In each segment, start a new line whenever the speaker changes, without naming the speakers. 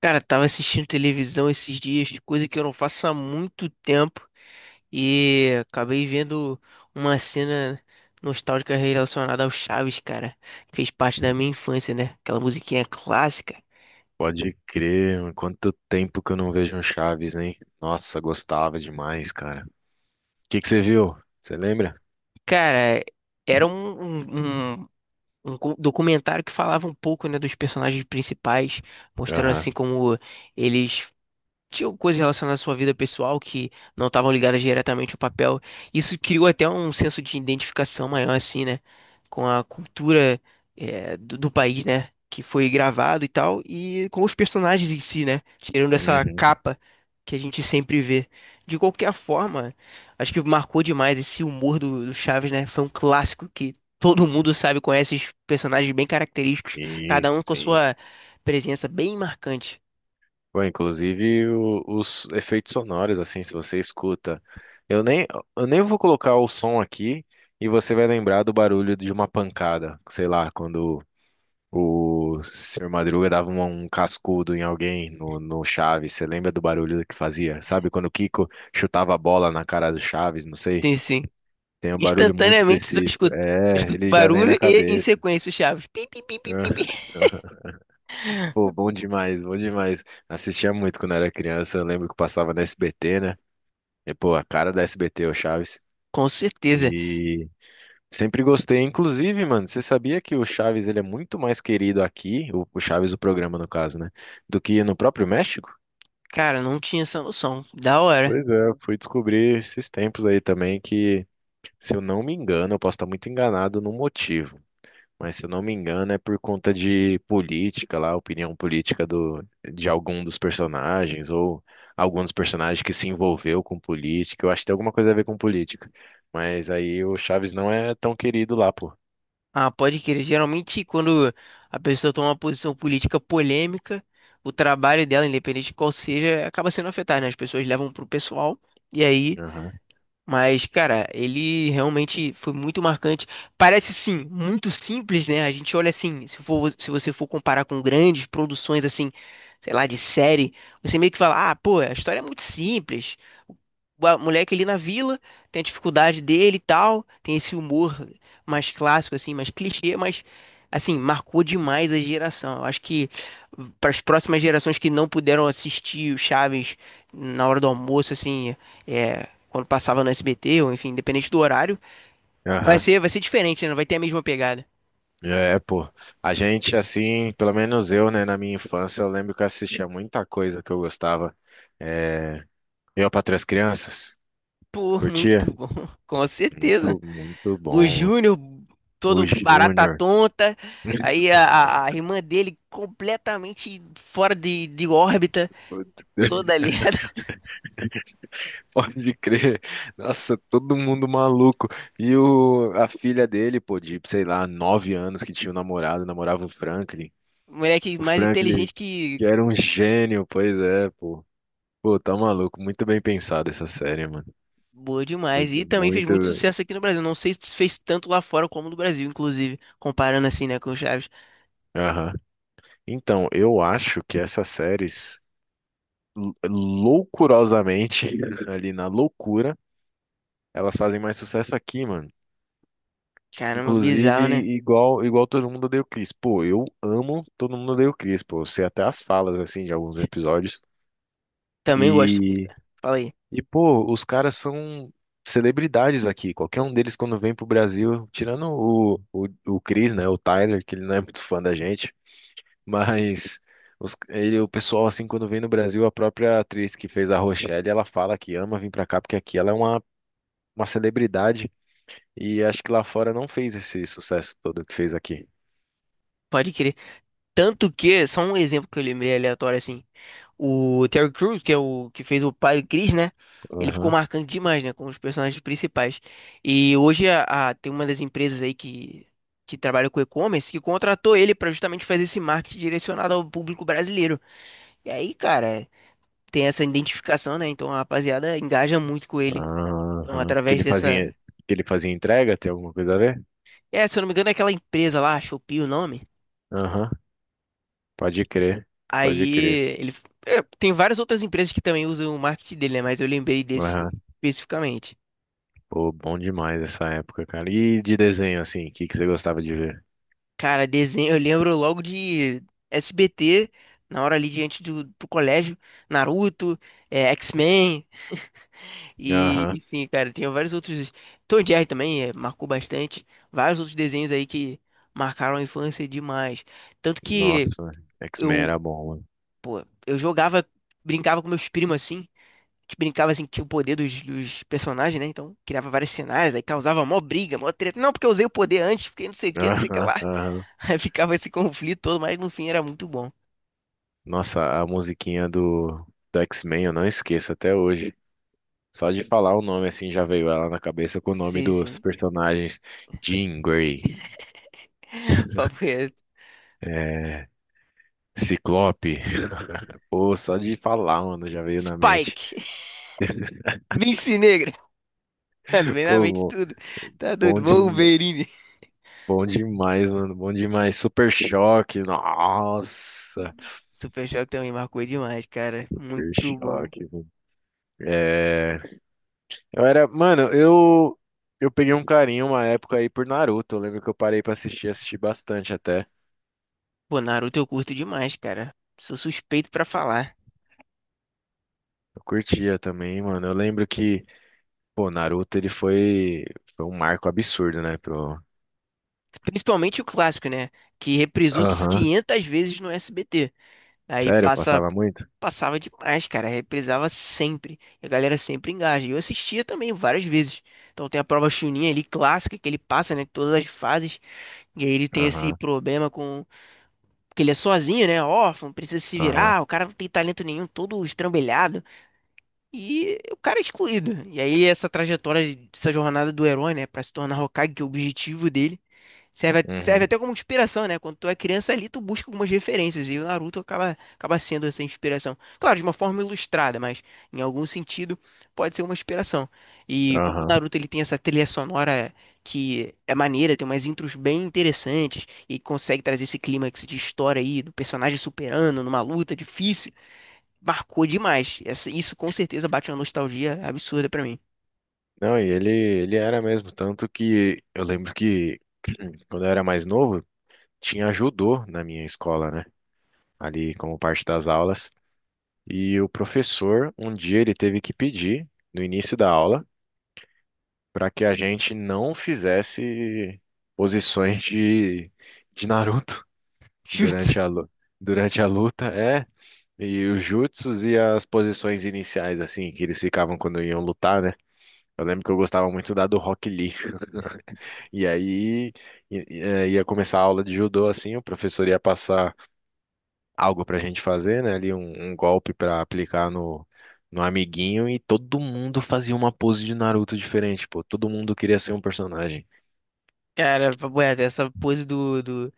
Cara, tava assistindo televisão esses dias, coisa que eu não faço há muito tempo, e acabei vendo uma cena nostálgica relacionada ao Chaves, cara. Fez parte da minha infância, né? Aquela musiquinha clássica.
Pode crer, mano. Quanto tempo que eu não vejo um Chaves, hein? Nossa, gostava demais, cara. O que que você viu? Você lembra?
Cara, era documentário que falava um pouco, né, dos personagens principais, mostrando assim
Aham.
como eles tinha coisas relacionadas à sua vida pessoal que não estavam ligadas diretamente ao papel. Isso criou até um senso de identificação maior, assim, né? Com a cultura, do país, né? Que foi gravado e tal, e com os personagens em si, né? Tirando essa
Uhum.
capa que a gente sempre vê. De qualquer forma, acho que marcou demais esse humor do Chaves, né? Foi um clássico que todo mundo sabe, conhece os personagens bem característicos,
E
cada um com a
sim.
sua presença bem marcante.
Bom, inclusive os efeitos sonoros, assim, se você escuta. Eu nem, eu nem vou colocar o som aqui e você vai lembrar do barulho de uma pancada. Sei lá, quando o senhor Madruga dava um cascudo em alguém no Chaves. Você lembra do barulho que fazia? Sabe quando o Kiko chutava a bola na cara do Chaves? Não sei.
Sim, sim.
Tem um barulho muito
Instantaneamente
específico.
eu
É,
escuto
ele já vem na
barulho e em
cabeça.
sequência o Chaves. Pi, pi, pi, pi, pi,
Ah.
pi.
Pô, bom demais, bom demais. Assistia muito quando era criança. Eu lembro que passava na SBT, né? E, pô, a cara da SBT, o Chaves.
Com certeza.
E sempre gostei. Inclusive, mano, você sabia que o Chaves ele é muito mais querido aqui, o Chaves, o programa no caso, né? Do que no próprio México?
Cara, não tinha essa noção. Da hora.
Pois é, eu fui descobrir esses tempos aí também que, se eu não me engano, eu posso estar muito enganado no motivo, mas se eu não me engano é por conta de política lá, opinião política do, de algum dos personagens ou algum dos personagens que se envolveu com política. Eu acho que tem alguma coisa a ver com política, mas aí o Chaves não é tão querido lá, pô.
Ah, pode crer. Geralmente, quando a pessoa toma uma posição política polêmica, o trabalho dela, independente de qual seja, acaba sendo afetado, né? As pessoas levam pro pessoal e aí.
Aham,
Mas, cara, ele realmente foi muito marcante. Parece, sim, muito simples, né? A gente olha assim, se você for comparar com grandes produções, assim, sei lá, de série, você meio que fala, ah, pô, a história é muito simples. O moleque ali na vila tem a dificuldade dele e tal, tem esse humor mais clássico, assim, mais clichê, mas, assim, marcou demais a geração. Eu acho que para as próximas gerações que não puderam assistir o Chaves na hora do almoço, assim. É, quando passava no SBT, ou enfim, independente do horário, vai
aham.
ser, vai ser diferente, né? Não vai ter a mesma pegada.
É, pô. A gente, assim, pelo menos eu, né, na minha infância, eu lembro que eu assistia muita coisa que eu gostava. É, eu, para três Crianças,
Pô,
curtia?
muito bom, com certeza.
Muito, muito
O
bom, mano.
Júnior,
O
todo barata
Júnior.
tonta, aí a irmã dele completamente fora de órbita, toda ali.
Pode crer. Nossa, todo mundo maluco. E a filha dele, pô, de, sei lá, 9 anos que tinha um namorado, namorava o Franklin.
Moleque
O
mais
Franklin,
inteligente que.
que era um gênio, pois é, pô. Pô, tá maluco. Muito bem pensada essa série, mano.
Boa demais. E
Muito,
também fez muito
muito.
sucesso aqui no Brasil. Não sei se fez tanto lá fora como no Brasil, inclusive. Comparando assim, né, com o Chaves.
Aham. Então, eu acho que essas séries, loucurosamente, ali na loucura, elas fazem mais sucesso aqui, mano.
Caramba,
Inclusive,
bizarro, né?
igual todo mundo odeia o Chris. Pô, eu amo todo mundo odeia o Chris, pô. Eu sei até as falas, assim, de alguns episódios.
Também gosto muito,
E,
cara. Fala aí.
e pô, os caras são celebridades aqui. Qualquer um deles, quando vem pro Brasil, tirando o Chris, né? O Tyler, que ele não é muito fã da gente. Mas o pessoal, assim, quando vem no Brasil, a própria atriz que fez a Rochelle, ela fala que ama vir pra cá, porque aqui ela é uma celebridade. E acho que lá fora não fez esse sucesso todo que fez aqui.
Pode crer. Tanto que, só um exemplo que eu lembrei aleatório assim. O Terry Crews, que é o que fez o pai do Chris, né? Ele ficou
Aham,
marcante demais, né? Como um dos personagens principais. E hoje tem uma das empresas aí que trabalha com e-commerce que contratou ele para justamente fazer esse marketing direcionado ao público brasileiro. E aí, cara, tem essa identificação, né? Então a rapaziada engaja muito com ele. Então,
aham. Porque
através
ele
dessa.
fazia, porque ele fazia entrega, tem alguma coisa a ver?
É, se eu não me engano, é aquela empresa lá, Shopee, o nome.
Aham, pode crer, pode
Aí
crer.
ele é, tem várias outras empresas que também usam o marketing dele, né? Mas eu lembrei desse
Aham.
especificamente.
Pô, bom demais essa época, cara. E de desenho, assim, o que que você gostava de ver?
Cara, desenho, eu lembro logo de SBT, na hora ali diante do pro colégio, Naruto, é, X-Men e
Aham.
enfim, cara, tinha vários outros. Tom e Jerry também é, marcou bastante, vários outros desenhos aí que marcaram a infância demais. Tanto que
Nossa, X-Men
eu
era bom, mano.
eu jogava, brincava com meus primos assim. A gente brincava assim, que tinha o poder dos personagens, né? Então criava vários cenários, aí causava mó briga, mó treta. Não, porque eu usei o poder antes, porque não sei o que, não sei o que
Aham,
lá.
aham.
Aí ficava esse conflito todo, mas no fim era muito bom.
Nossa, a musiquinha do, X-Men eu não esqueço até hoje. Só de falar o nome, assim, já veio ela na cabeça com o nome
Sim,
dos
sim.
personagens. Jean Grey.
Papo reto.
É, Ciclope, pô, só de falar, mano, já veio na mente.
Spike, Vince Negra. Mano, vem na
Pô,
mente tudo. Tá doido,
bom, de,
Wolverine.
bom demais, mano, bom demais. Super Choque, nossa,
Super Choque também marcou demais, cara.
Super
Muito bom.
Choque, mano. É, eu era, mano, eu peguei um carinho uma época aí por Naruto. Eu lembro que eu parei pra assistir, assisti bastante até.
Pô, Naruto eu curto demais, cara. Sou suspeito pra falar.
Eu curtia também, mano. Eu lembro que, pô, Naruto ele foi um marco absurdo, né, pro.
Principalmente o clássico, né? Que reprisou
Aham.
500 vezes no SBT. Aí
Sério, eu
passa,
passava muito?
passava demais, cara. Reprisava sempre. E a galera sempre engaja. E eu assistia também várias vezes. Então tem a prova Chunin ali, clássica, que ele passa, né? Todas as fases. E aí ele tem esse
Aham,
problema com. Porque ele é sozinho, né? Órfão, precisa se
aham.
virar. O cara não tem talento nenhum, todo estrambelhado. E o cara é excluído. E aí essa trajetória, essa jornada do herói, né? Pra se tornar Hokage, que é o objetivo dele. Serve, serve
Uhum.
até como inspiração, né? Quando tu é criança ali, tu busca algumas referências e o Naruto acaba sendo essa inspiração. Claro, de uma forma ilustrada, mas em algum sentido pode ser uma inspiração. E como o
Aham.
Naruto ele tem essa trilha sonora que é maneira, tem umas intros bem interessantes e consegue trazer esse clímax de história aí do personagem superando numa luta difícil, marcou demais. Isso com certeza bate uma nostalgia absurda pra mim.
Não, e ele era mesmo, tanto que eu lembro que quando eu era mais novo, tinha judô na minha escola, né? Ali como parte das aulas. E o professor, um dia, ele teve que pedir, no início da aula, para que a gente não fizesse posições de Naruto
Chutz.
durante a, lu- durante a luta. É, e os jutsus e as posições iniciais, assim, que eles ficavam quando iam lutar, né? Eu lembro que eu gostava muito da do Rock Lee. E aí ia começar a aula de judô assim, o professor ia passar algo pra gente fazer, né? Ali um golpe pra aplicar no amiguinho e todo mundo fazia uma pose de Naruto diferente, pô. Todo mundo queria ser um personagem.
Cara, papo reto, essa pose do.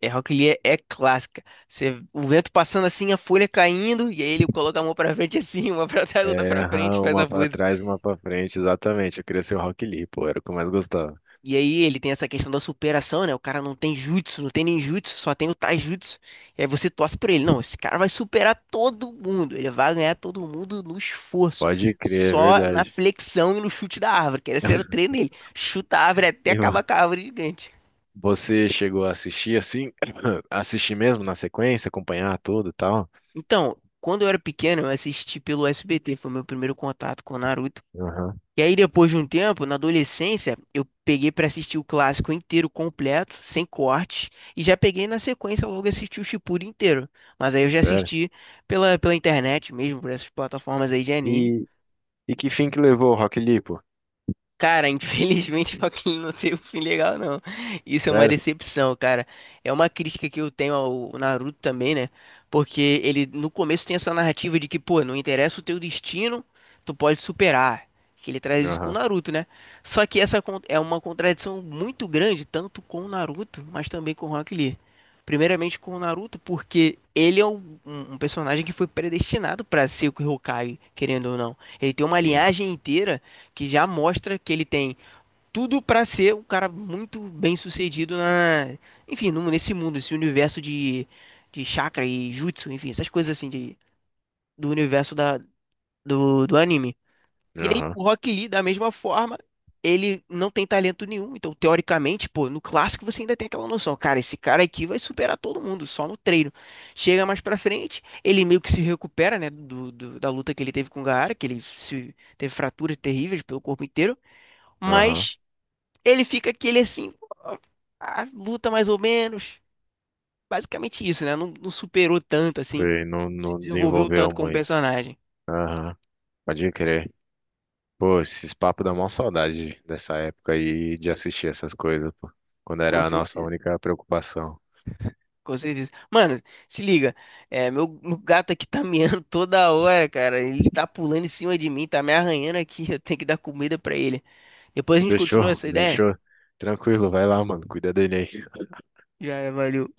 É, Rock Lee é, é clássica. Você, o vento passando assim, a folha caindo, e aí ele coloca a mão pra frente assim, uma pra trás, outra
É,
pra frente,
aham,
faz
uma
a
pra
pose.
trás, uma pra frente, exatamente. Eu queria ser o Rock Lee, pô, era o que eu mais gostava.
E aí ele tem essa questão da superação, né? O cara não tem jutsu, não tem nem jutsu, só tem o taijutsu. E aí você torce pra ele. Não, esse cara vai superar todo mundo. Ele vai ganhar todo mundo no esforço.
Pode crer, é
Só na
verdade.
flexão e no chute da árvore, que esse era o treino dele. Chuta a árvore até
E
acabar com a árvore gigante.
você chegou a assistir assim? Assistir mesmo na sequência, acompanhar tudo e tal?
Então, quando eu era pequeno, eu assisti pelo SBT, foi meu primeiro contato com Naruto.
Aham,
E aí, depois de um tempo, na adolescência, eu peguei pra assistir o clássico inteiro completo, sem corte, e já peguei na sequência logo assisti o Shippuden inteiro. Mas aí eu já
sério.
assisti pela internet mesmo, por essas plataformas aí de anime.
E E que fim que levou o Rock Lee, pô?
Cara, infelizmente Joaquim não teve um fim legal, não. Isso é uma
Sério?
decepção, cara. É uma crítica que eu tenho ao Naruto também, né? Porque ele no começo tem essa narrativa de que, pô, não interessa o teu destino, tu pode superar. Que ele traz isso com o
Aham,
Naruto, né? Só que essa é uma contradição muito grande, tanto com o Naruto, mas também com o Rock Lee. Primeiramente com o Naruto, porque ele é um personagem que foi predestinado pra ser o Hokage, querendo ou não. Ele tem uma
sim.
linhagem inteira que já mostra que ele tem tudo para ser um cara muito bem sucedido na, enfim, nesse mundo, esse universo de chakra e jutsu, enfim, essas coisas assim de, do universo do anime. E aí
Aham,
o Rock Lee, da mesma forma, ele não tem talento nenhum, então teoricamente, pô, no clássico você ainda tem aquela noção, cara, esse cara aqui vai superar todo mundo, só no treino. Chega mais pra frente, ele meio que se recupera, né, da luta que ele teve com o Gaara, que ele se, teve fraturas terríveis pelo corpo inteiro,
aham.
mas ele fica aquele assim, ah, luta mais ou menos. Basicamente isso, né? Não, não superou tanto assim.
Foi, não,
Se
não
desenvolveu
desenvolveu
tanto como
muito.
personagem.
Aham, pode crer. Pô, esses papos dão mó saudade dessa época aí de assistir essas coisas, pô. Quando
Com
era a nossa
certeza.
única preocupação.
Com certeza. Mano, se liga. É, meu gato aqui tá miando toda hora, cara. Ele tá pulando em cima de mim, tá me arranhando aqui. Eu tenho que dar comida pra ele. Depois a gente continua
Fechou,
essa ideia?
fechou. Tranquilo, vai lá, mano. Cuida dele aí.
Já, valeu.